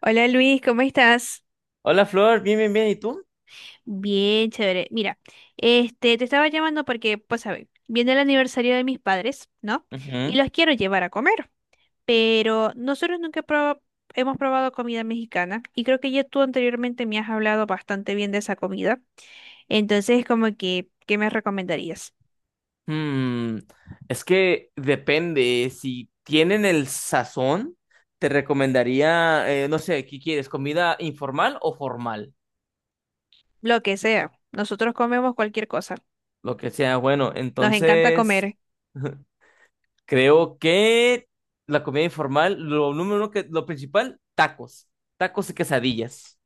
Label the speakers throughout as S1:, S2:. S1: Hola Luis, ¿cómo estás?
S2: Hola Flor, bien, bien, bien, ¿y tú?
S1: Bien, chévere. Mira, te estaba llamando porque, pues, a ver, viene el aniversario de mis padres, ¿no? Y
S2: Ujú.
S1: los quiero llevar a comer, pero nosotros nunca hemos probado comida mexicana y creo que ya tú anteriormente me has hablado bastante bien de esa comida. Entonces, como que, ¿qué me recomendarías?
S2: Mm, es que depende, si tienen el sazón, te recomendaría, no sé, ¿qué quieres? ¿Comida informal o formal?
S1: Lo que sea. Nosotros comemos cualquier cosa.
S2: Lo que sea, bueno,
S1: Nos encanta comer.
S2: entonces. Creo que la comida informal, lo principal, tacos y quesadillas.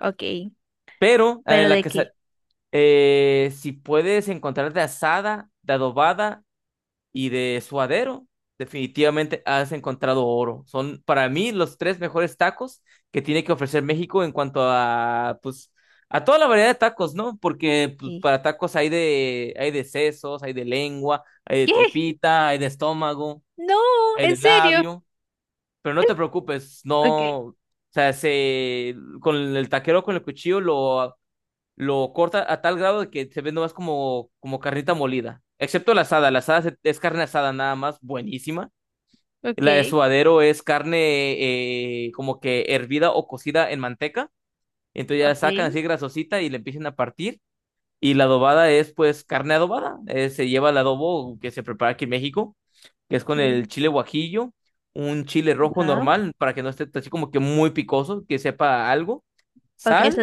S1: Ok,
S2: Pero
S1: pero ¿de qué?
S2: si puedes encontrar de asada, de adobada y de suadero, definitivamente has encontrado oro. Son para mí los tres mejores tacos que tiene que ofrecer México en cuanto a, pues, a toda la variedad de tacos, ¿no? Porque pues,
S1: ¿Qué?
S2: para tacos hay de sesos, hay de lengua, hay de
S1: ¿Qué?
S2: tripita, hay de estómago,
S1: No,
S2: hay
S1: ¿en
S2: de
S1: serio?
S2: labio. Pero no te preocupes,
S1: Ok,
S2: no, o sea, con el taquero con el cuchillo lo corta a tal grado de que se ve nomás como carnita molida. Excepto la asada. La asada es carne asada nada más, buenísima. La de
S1: ok,
S2: suadero es carne como que hervida o cocida en manteca. Entonces ya la
S1: ok.
S2: sacan así grasosita y le empiezan a partir. Y la adobada es pues carne adobada. Se lleva el adobo que se prepara aquí en México, que es con
S1: Okay.
S2: el chile guajillo, un chile rojo
S1: Ah,
S2: normal para que no esté así como que muy picoso, que sepa a algo,
S1: ok, eso,
S2: sal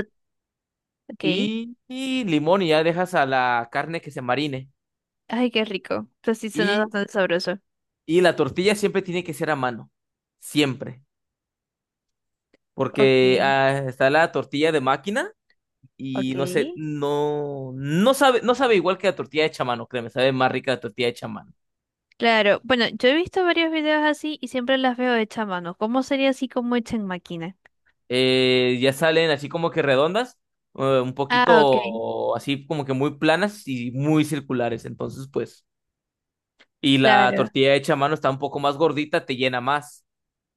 S1: ok.
S2: y limón y ya dejas a la carne que se marine.
S1: Ay, qué rico. Esto sí suena
S2: Y,
S1: bastante sabroso.
S2: y la tortilla siempre tiene que ser a mano, siempre, porque
S1: Ok,
S2: está la tortilla de máquina y
S1: ok.
S2: no sé, no, no sabe igual que la tortilla hecha a mano, créeme, sabe más rica la tortilla hecha a mano.
S1: Claro, bueno, yo he visto varios videos así y siempre las veo hechas a mano. ¿Cómo sería así como hecha en máquina?
S2: Ya salen así como que redondas, un
S1: Ah, ok,
S2: poquito así como que muy planas y muy circulares, entonces pues, y la
S1: claro.
S2: tortilla hecha a mano está un poco más gordita, te llena más.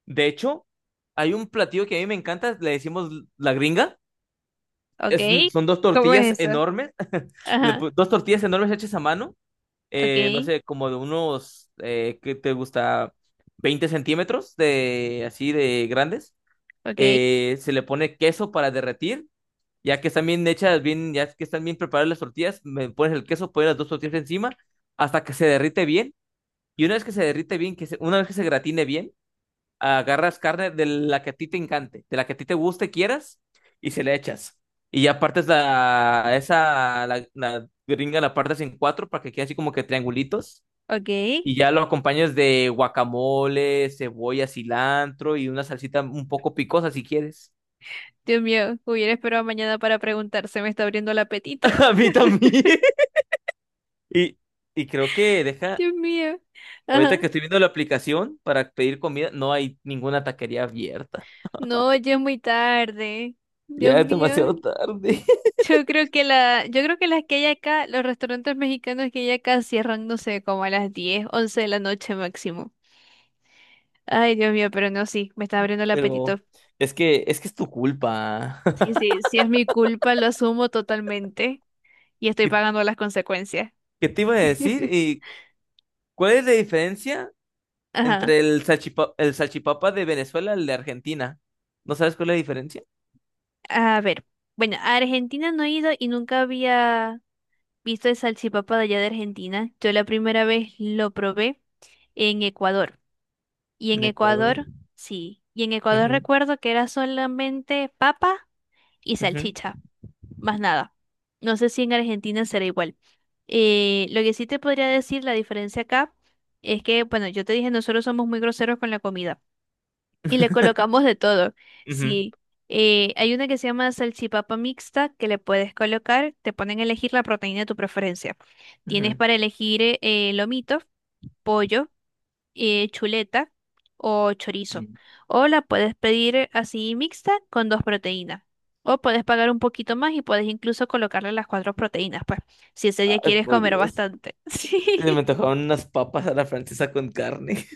S2: De hecho, hay un platillo que a mí me encanta, le decimos la gringa.
S1: Ok.
S2: Son dos
S1: ¿Cómo
S2: tortillas
S1: es eso?
S2: enormes.
S1: Ajá,
S2: Dos tortillas enormes hechas a mano,
S1: ok,
S2: no sé, como de unos, ¿qué te gusta? 20 centímetros de así de grandes.
S1: ok,
S2: Se le pone queso para derretir, ya que están bien hechas, bien, ya que están bien preparadas las tortillas, me pones el queso, pones las dos tortillas encima hasta que se derrite bien. Y una vez que se derrite bien, una vez que se gratine bien, agarras carne de la que a ti te encante, de la que a ti te guste, y quieras, y se le echas. Y ya partes la gringa, la partes en cuatro para que quede así como que triangulitos.
S1: ok.
S2: Y ya lo acompañas de guacamole, cebolla, cilantro y una salsita un poco picosa si quieres.
S1: Dios mío, hubiera esperado mañana para preguntar, se me está abriendo el apetito.
S2: A mí también. Y, y creo que
S1: Dios mío. Ajá.
S2: ahorita que estoy viendo la aplicación para pedir comida, no hay ninguna taquería abierta.
S1: No, ya es muy tarde. Dios
S2: Ya es
S1: mío.
S2: demasiado tarde.
S1: Yo creo que las que hay acá, los restaurantes mexicanos que hay acá cierran, no sé, como a las 10, 11 de la noche máximo. Ay, Dios mío, pero no, sí, me está abriendo el
S2: Pero
S1: apetito.
S2: es que es tu culpa.
S1: Sí, sí, sí es mi culpa, lo asumo totalmente y estoy
S2: ¿Qué,
S1: pagando las consecuencias.
S2: qué te iba a decir? ¿Y cuál es la diferencia
S1: Ajá.
S2: entre el salchipapa de Venezuela y el de Argentina? ¿No sabes cuál es la diferencia?
S1: A ver, bueno, a Argentina no he ido y nunca había visto el salchipapa de allá de Argentina. Yo la primera vez lo probé en Ecuador. Y en
S2: En Ecuador.
S1: Ecuador, sí. Y en Ecuador
S2: Ujú,
S1: recuerdo que era solamente papa y
S2: ujú.
S1: salchicha, más nada. No sé si en Argentina será igual. Lo que sí te podría decir, la diferencia acá, es que, bueno, yo te dije, nosotros somos muy groseros con la comida y le colocamos de todo.
S2: Ujú,
S1: Sí. Hay una que se llama salchipapa mixta que le puedes colocar, te ponen a elegir la proteína de tu preferencia. Tienes
S2: ujú.
S1: para elegir lomito, pollo chuleta o chorizo. O la puedes pedir así mixta con dos proteínas. O puedes pagar un poquito más y puedes incluso colocarle las cuatro proteínas, pues, si ese día
S2: Ay,
S1: quieres
S2: por
S1: comer
S2: Dios.
S1: bastante.
S2: Se me
S1: Sí.
S2: antojaron unas papas a la francesa con carne.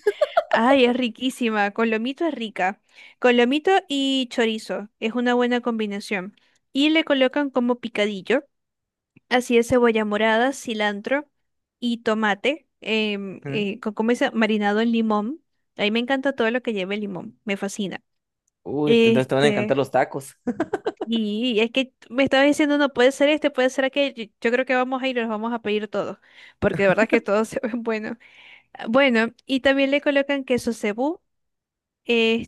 S1: Ay, es riquísima. Con lomito es rica. Con lomito y chorizo es una buena combinación. Y le colocan como picadillo. Así es, cebolla morada, cilantro y tomate,
S2: Ujú.
S1: ¿cómo dice? Marinado en limón. A mí me encanta todo lo que lleve limón, me fascina.
S2: Uy, entonces te van a encantar
S1: Este,
S2: los tacos.
S1: y es que me estaba diciendo, no puede ser este, puede ser aquel. Yo creo que vamos a ir, los vamos a pedir todos, porque de verdad que todos se ven buenos. Ah, bueno, y también le colocan queso cebú,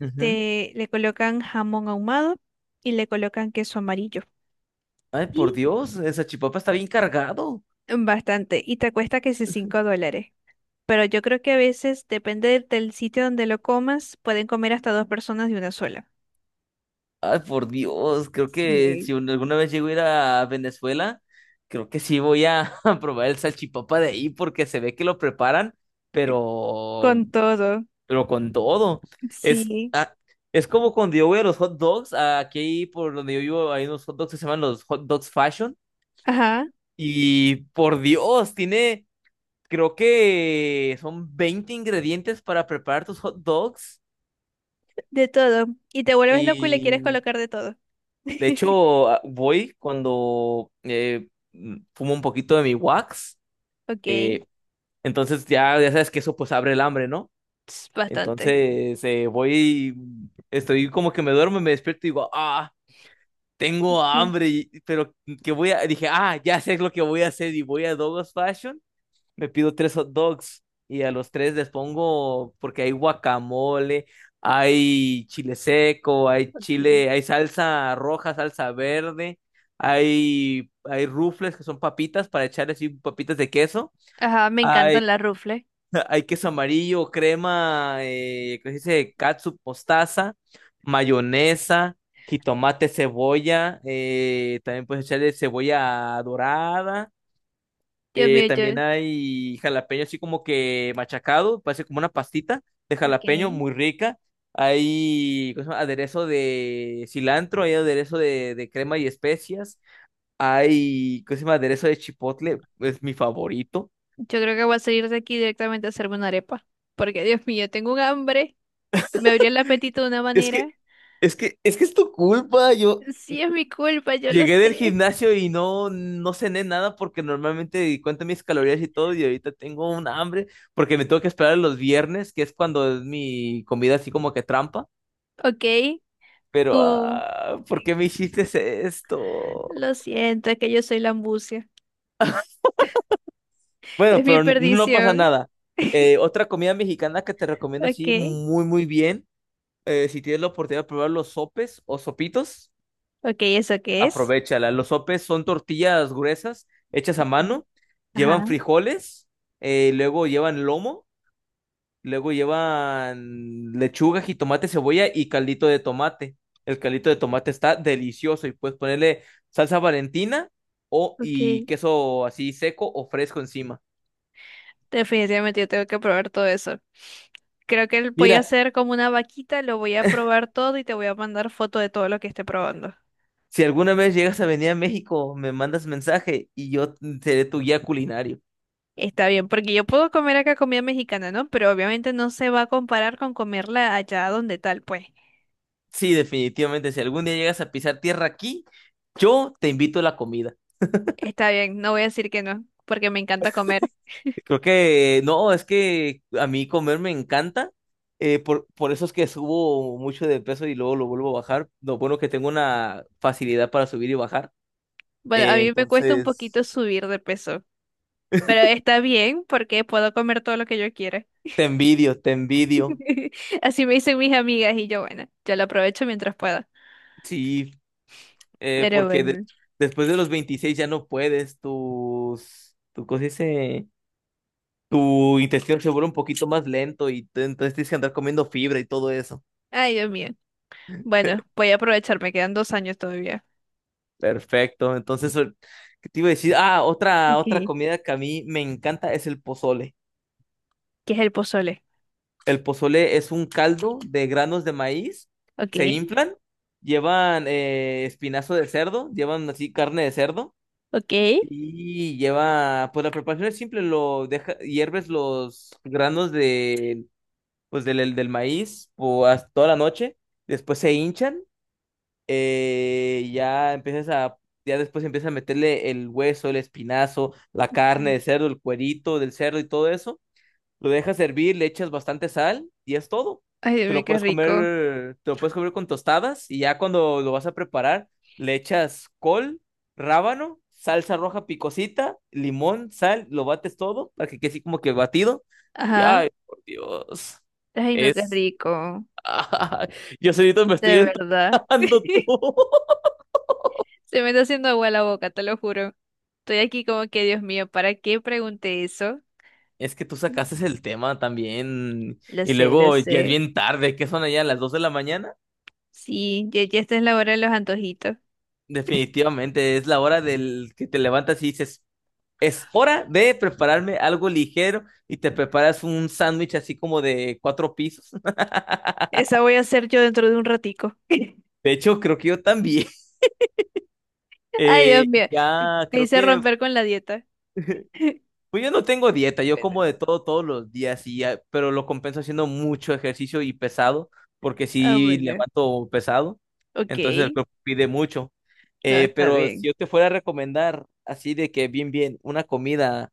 S2: Ujú.
S1: le colocan jamón ahumado y le colocan queso amarillo.
S2: Ay, por
S1: Y
S2: Dios, el salchipapa está bien cargado.
S1: bastante, y te cuesta que si $5. Pero yo creo que a veces, depende del sitio donde lo comas, pueden comer hasta dos personas de una sola.
S2: Ay, por Dios, creo que si
S1: Sí,
S2: un- alguna vez llego a ir a Venezuela, creo que sí voy a, a probar el salchipapa de ahí porque se ve que lo preparan,
S1: eh,
S2: pero,
S1: con todo,
S2: pero con todo. Es,
S1: sí,
S2: es como cuando yo voy a los hot dogs, aquí por donde yo vivo hay unos hot dogs que se llaman los hot dogs fashion
S1: ajá.
S2: y por Dios, creo que son 20 ingredientes para preparar tus hot dogs.
S1: De todo. Y te vuelves loco y le quieres colocar de todo.
S2: De hecho, voy cuando fumo un poquito de mi wax,
S1: Ok, es
S2: eh, entonces ya sabes que eso pues abre el hambre, ¿no?
S1: bastante.
S2: Entonces voy, estoy como que me duermo, me despierto y digo, ah, tengo
S1: Sí,
S2: hambre, pero que voy a, dije, ah, ya sé lo que voy a hacer y voy a Douglas Fashion, me pido tres hot dogs y a los tres les pongo, porque hay guacamole, hay chile seco, hay
S1: ok.
S2: chile, hay salsa roja, salsa verde, hay rufles que son papitas para echar así papitas de queso,
S1: Ajá, me
S2: hay,
S1: encantan las rufles.
S2: hay queso amarillo, crema, ¿cómo se dice? Catsup, mostaza, mayonesa. Jitomate, cebolla, también puedes echarle cebolla dorada,
S1: Dios mío,
S2: también hay jalapeño así como que machacado, parece como una pastita de
S1: Ok.
S2: jalapeño muy rica. Hay, ¿cómo se llama? Aderezo de cilantro, hay aderezo de crema y especias. Hay, ¿cómo se llama? Aderezo de chipotle, es mi favorito.
S1: Yo creo que voy a salir de aquí directamente a hacerme una arepa. Porque, Dios mío, tengo un hambre. Me abrió el apetito de una
S2: Es
S1: manera.
S2: que, es que es tu culpa.
S1: Sí, es mi culpa, yo lo
S2: Llegué del
S1: sé.
S2: gimnasio y no cené nada porque normalmente cuento mis calorías y todo y ahorita tengo un hambre porque me tengo que esperar los viernes, que es cuando es mi comida así como que trampa.
S1: Ok,
S2: Pero,
S1: Tú,
S2: ¿por qué me hiciste esto?
S1: lo siento, es que yo soy la ambucia.
S2: Bueno,
S1: Es mi
S2: pero no pasa
S1: perdición.
S2: nada. Otra comida mexicana que te recomiendo
S1: Ok,
S2: así muy, muy bien. Si tienes la oportunidad de probar los sopes o sopitos,
S1: ok, ¿eso qué es?
S2: aprovéchala. Los sopes son tortillas gruesas hechas a
S1: Ok,
S2: mano,
S1: ajá,
S2: llevan frijoles, luego llevan lomo. Luego llevan lechuga, jitomate, cebolla y caldito de tomate. El caldito de tomate está delicioso y puedes ponerle salsa Valentina o
S1: ok.
S2: y queso así seco o fresco encima.
S1: Definitivamente yo tengo que probar todo eso. Creo que voy a
S2: Mira,
S1: hacer como una vaquita, lo voy a probar todo y te voy a mandar foto de todo lo que esté probando.
S2: si alguna vez llegas a venir a México, me mandas mensaje y yo seré tu guía culinario.
S1: Está bien, porque yo puedo comer acá comida mexicana, ¿no? Pero obviamente no se va a comparar con comerla allá donde tal, pues.
S2: Sí, definitivamente, si algún día llegas a pisar tierra aquí, yo te invito a la comida.
S1: Está bien, no voy a decir que no, porque me encanta comer.
S2: Creo que no, es que a mí comer me encanta. Por eso es que subo mucho de peso y luego lo vuelvo a bajar. Lo bueno que tengo una facilidad para subir y bajar.
S1: Bueno, a
S2: eh,
S1: mí me cuesta un poquito
S2: entonces,
S1: subir de peso. Pero está bien porque puedo comer todo lo que yo quiera.
S2: te envidio, te envidio.
S1: Así me dicen mis amigas y yo, bueno, yo lo aprovecho mientras pueda.
S2: Sí,
S1: Pero
S2: porque
S1: bueno,
S2: después de los 26 ya no puedes. Tu cosa dice, tu intestino se vuelve un poquito más lento y entonces tienes que andar comiendo fibra y todo eso.
S1: ay Dios mío. Bueno, voy a aprovechar, me quedan 2 años todavía.
S2: Perfecto. Entonces, ¿qué te iba a decir? Ah, otra,
S1: Ok.
S2: otra
S1: ¿Qué
S2: comida que a mí me encanta es el pozole.
S1: es el pozole?
S2: El pozole es un caldo de granos de maíz,
S1: Ok,
S2: se inflan, llevan espinazo de cerdo, llevan así carne de cerdo
S1: ok.
S2: y lleva, pues la preparación es simple, hierves los granos de, pues del maíz o hasta toda la noche, después se hinchan ya ya después empiezas a meterle el hueso, el espinazo, la carne
S1: Mm.
S2: de cerdo, el cuerito del cerdo y todo eso. Lo dejas hervir, le echas bastante sal y es todo.
S1: Ay Dios
S2: Te
S1: mío,
S2: lo
S1: qué
S2: puedes
S1: rico.
S2: comer, te lo puedes comer con tostadas y ya cuando lo vas a preparar, le echas col, rábano, salsa roja picosita, limón, sal, lo bates todo para que quede así como que batido. Y
S1: Ajá.
S2: ay, por Dios,
S1: Ay, no, qué
S2: es...
S1: rico.
S2: Yo solito me estoy
S1: De verdad.
S2: entusiasmando todo.
S1: Se me está haciendo agua la boca, te lo juro. Estoy aquí como que, Dios mío, ¿para qué pregunté eso?
S2: Es que tú sacaste el tema también
S1: Lo
S2: y
S1: sé, lo
S2: luego ya es
S1: sé.
S2: bien tarde, ¿qué son allá las 2 de la mañana?
S1: Sí, ya, ya esta es la hora de los antojitos.
S2: Definitivamente es la hora del que te levantas y dices, es hora de prepararme algo ligero y te preparas un sándwich así como de cuatro pisos.
S1: Esa voy a hacer yo dentro de un ratico.
S2: De hecho, creo que yo también.
S1: Ay, Dios
S2: Eh,
S1: mío, te,
S2: ya
S1: te
S2: creo
S1: hice
S2: que.
S1: romper con la dieta.
S2: Pues yo no tengo dieta, yo como
S1: Bueno,
S2: de todo todos los días, y pero lo compenso haciendo mucho ejercicio y pesado, porque
S1: ah,
S2: sí
S1: bueno.
S2: levanto pesado,
S1: Ok.
S2: entonces el cuerpo pide mucho.
S1: No,
S2: Eh,
S1: está
S2: pero si
S1: bien.
S2: yo te fuera a recomendar así de que bien, bien, una comida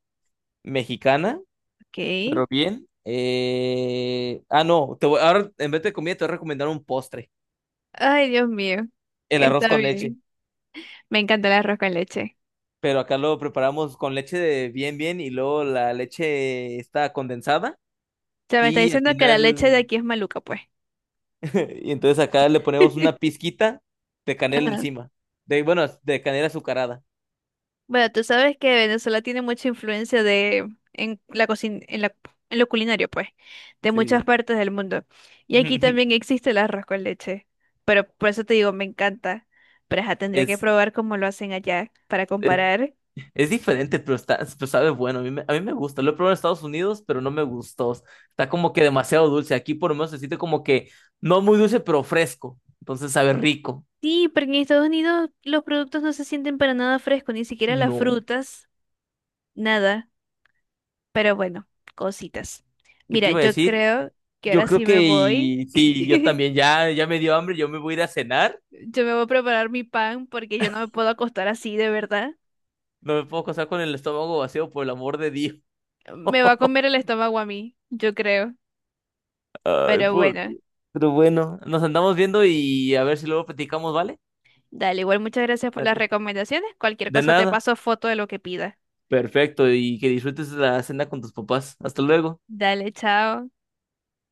S2: mexicana,
S1: Ok.
S2: pero bien, no, ahora en vez de comida te voy a recomendar un postre,
S1: Ay, Dios mío.
S2: el arroz
S1: Está
S2: con leche,
S1: bien. Me encanta el arroz con leche.
S2: pero acá lo preparamos con leche de bien, bien y luego la leche está condensada
S1: O sea, me está
S2: y al
S1: diciendo que la leche de
S2: final...
S1: aquí es maluca, pues.
S2: Y entonces acá le ponemos una pizquita de canela
S1: Ajá.
S2: encima. Bueno, de canela azucarada.
S1: Bueno, tú sabes que Venezuela tiene mucha influencia de en la cocina, en lo culinario, pues, de muchas
S2: Sí.
S1: partes del mundo. Y aquí también existe el arroz con leche. Pero por eso te digo, me encanta. Pero ajá, tendría que
S2: Es,
S1: probar cómo lo hacen allá para
S2: es,
S1: comparar.
S2: es diferente, pero sabe bueno. A mí me gusta. Lo he probado en Estados Unidos, pero no me gustó. Está como que demasiado dulce. Aquí por lo menos se siente como que no muy dulce, pero fresco. Entonces sabe rico.
S1: Sí, porque en Estados Unidos los productos no se sienten para nada frescos, ni siquiera las
S2: No.
S1: frutas, nada. Pero bueno, cositas.
S2: ¿Qué te
S1: Mira,
S2: iba a
S1: yo
S2: decir?
S1: creo que
S2: Yo
S1: ahora
S2: creo
S1: sí me
S2: que
S1: voy.
S2: sí, yo también. Ya me dio hambre. Yo me voy a ir a cenar.
S1: Yo me voy a preparar mi pan porque yo no me puedo acostar así, de verdad.
S2: No me puedo casar con el estómago vacío, por el amor de Dios.
S1: Me va a comer el estómago a mí, yo creo.
S2: Ay,
S1: Pero
S2: puta.
S1: bueno,
S2: Pero bueno, nos andamos viendo y a ver si luego platicamos, ¿vale?
S1: dale, igual muchas gracias por las
S2: Dale.
S1: recomendaciones. Cualquier
S2: De
S1: cosa te
S2: nada.
S1: paso foto de lo que pida.
S2: Perfecto, y que disfrutes la cena con tus papás. Hasta luego.
S1: Dale, chao.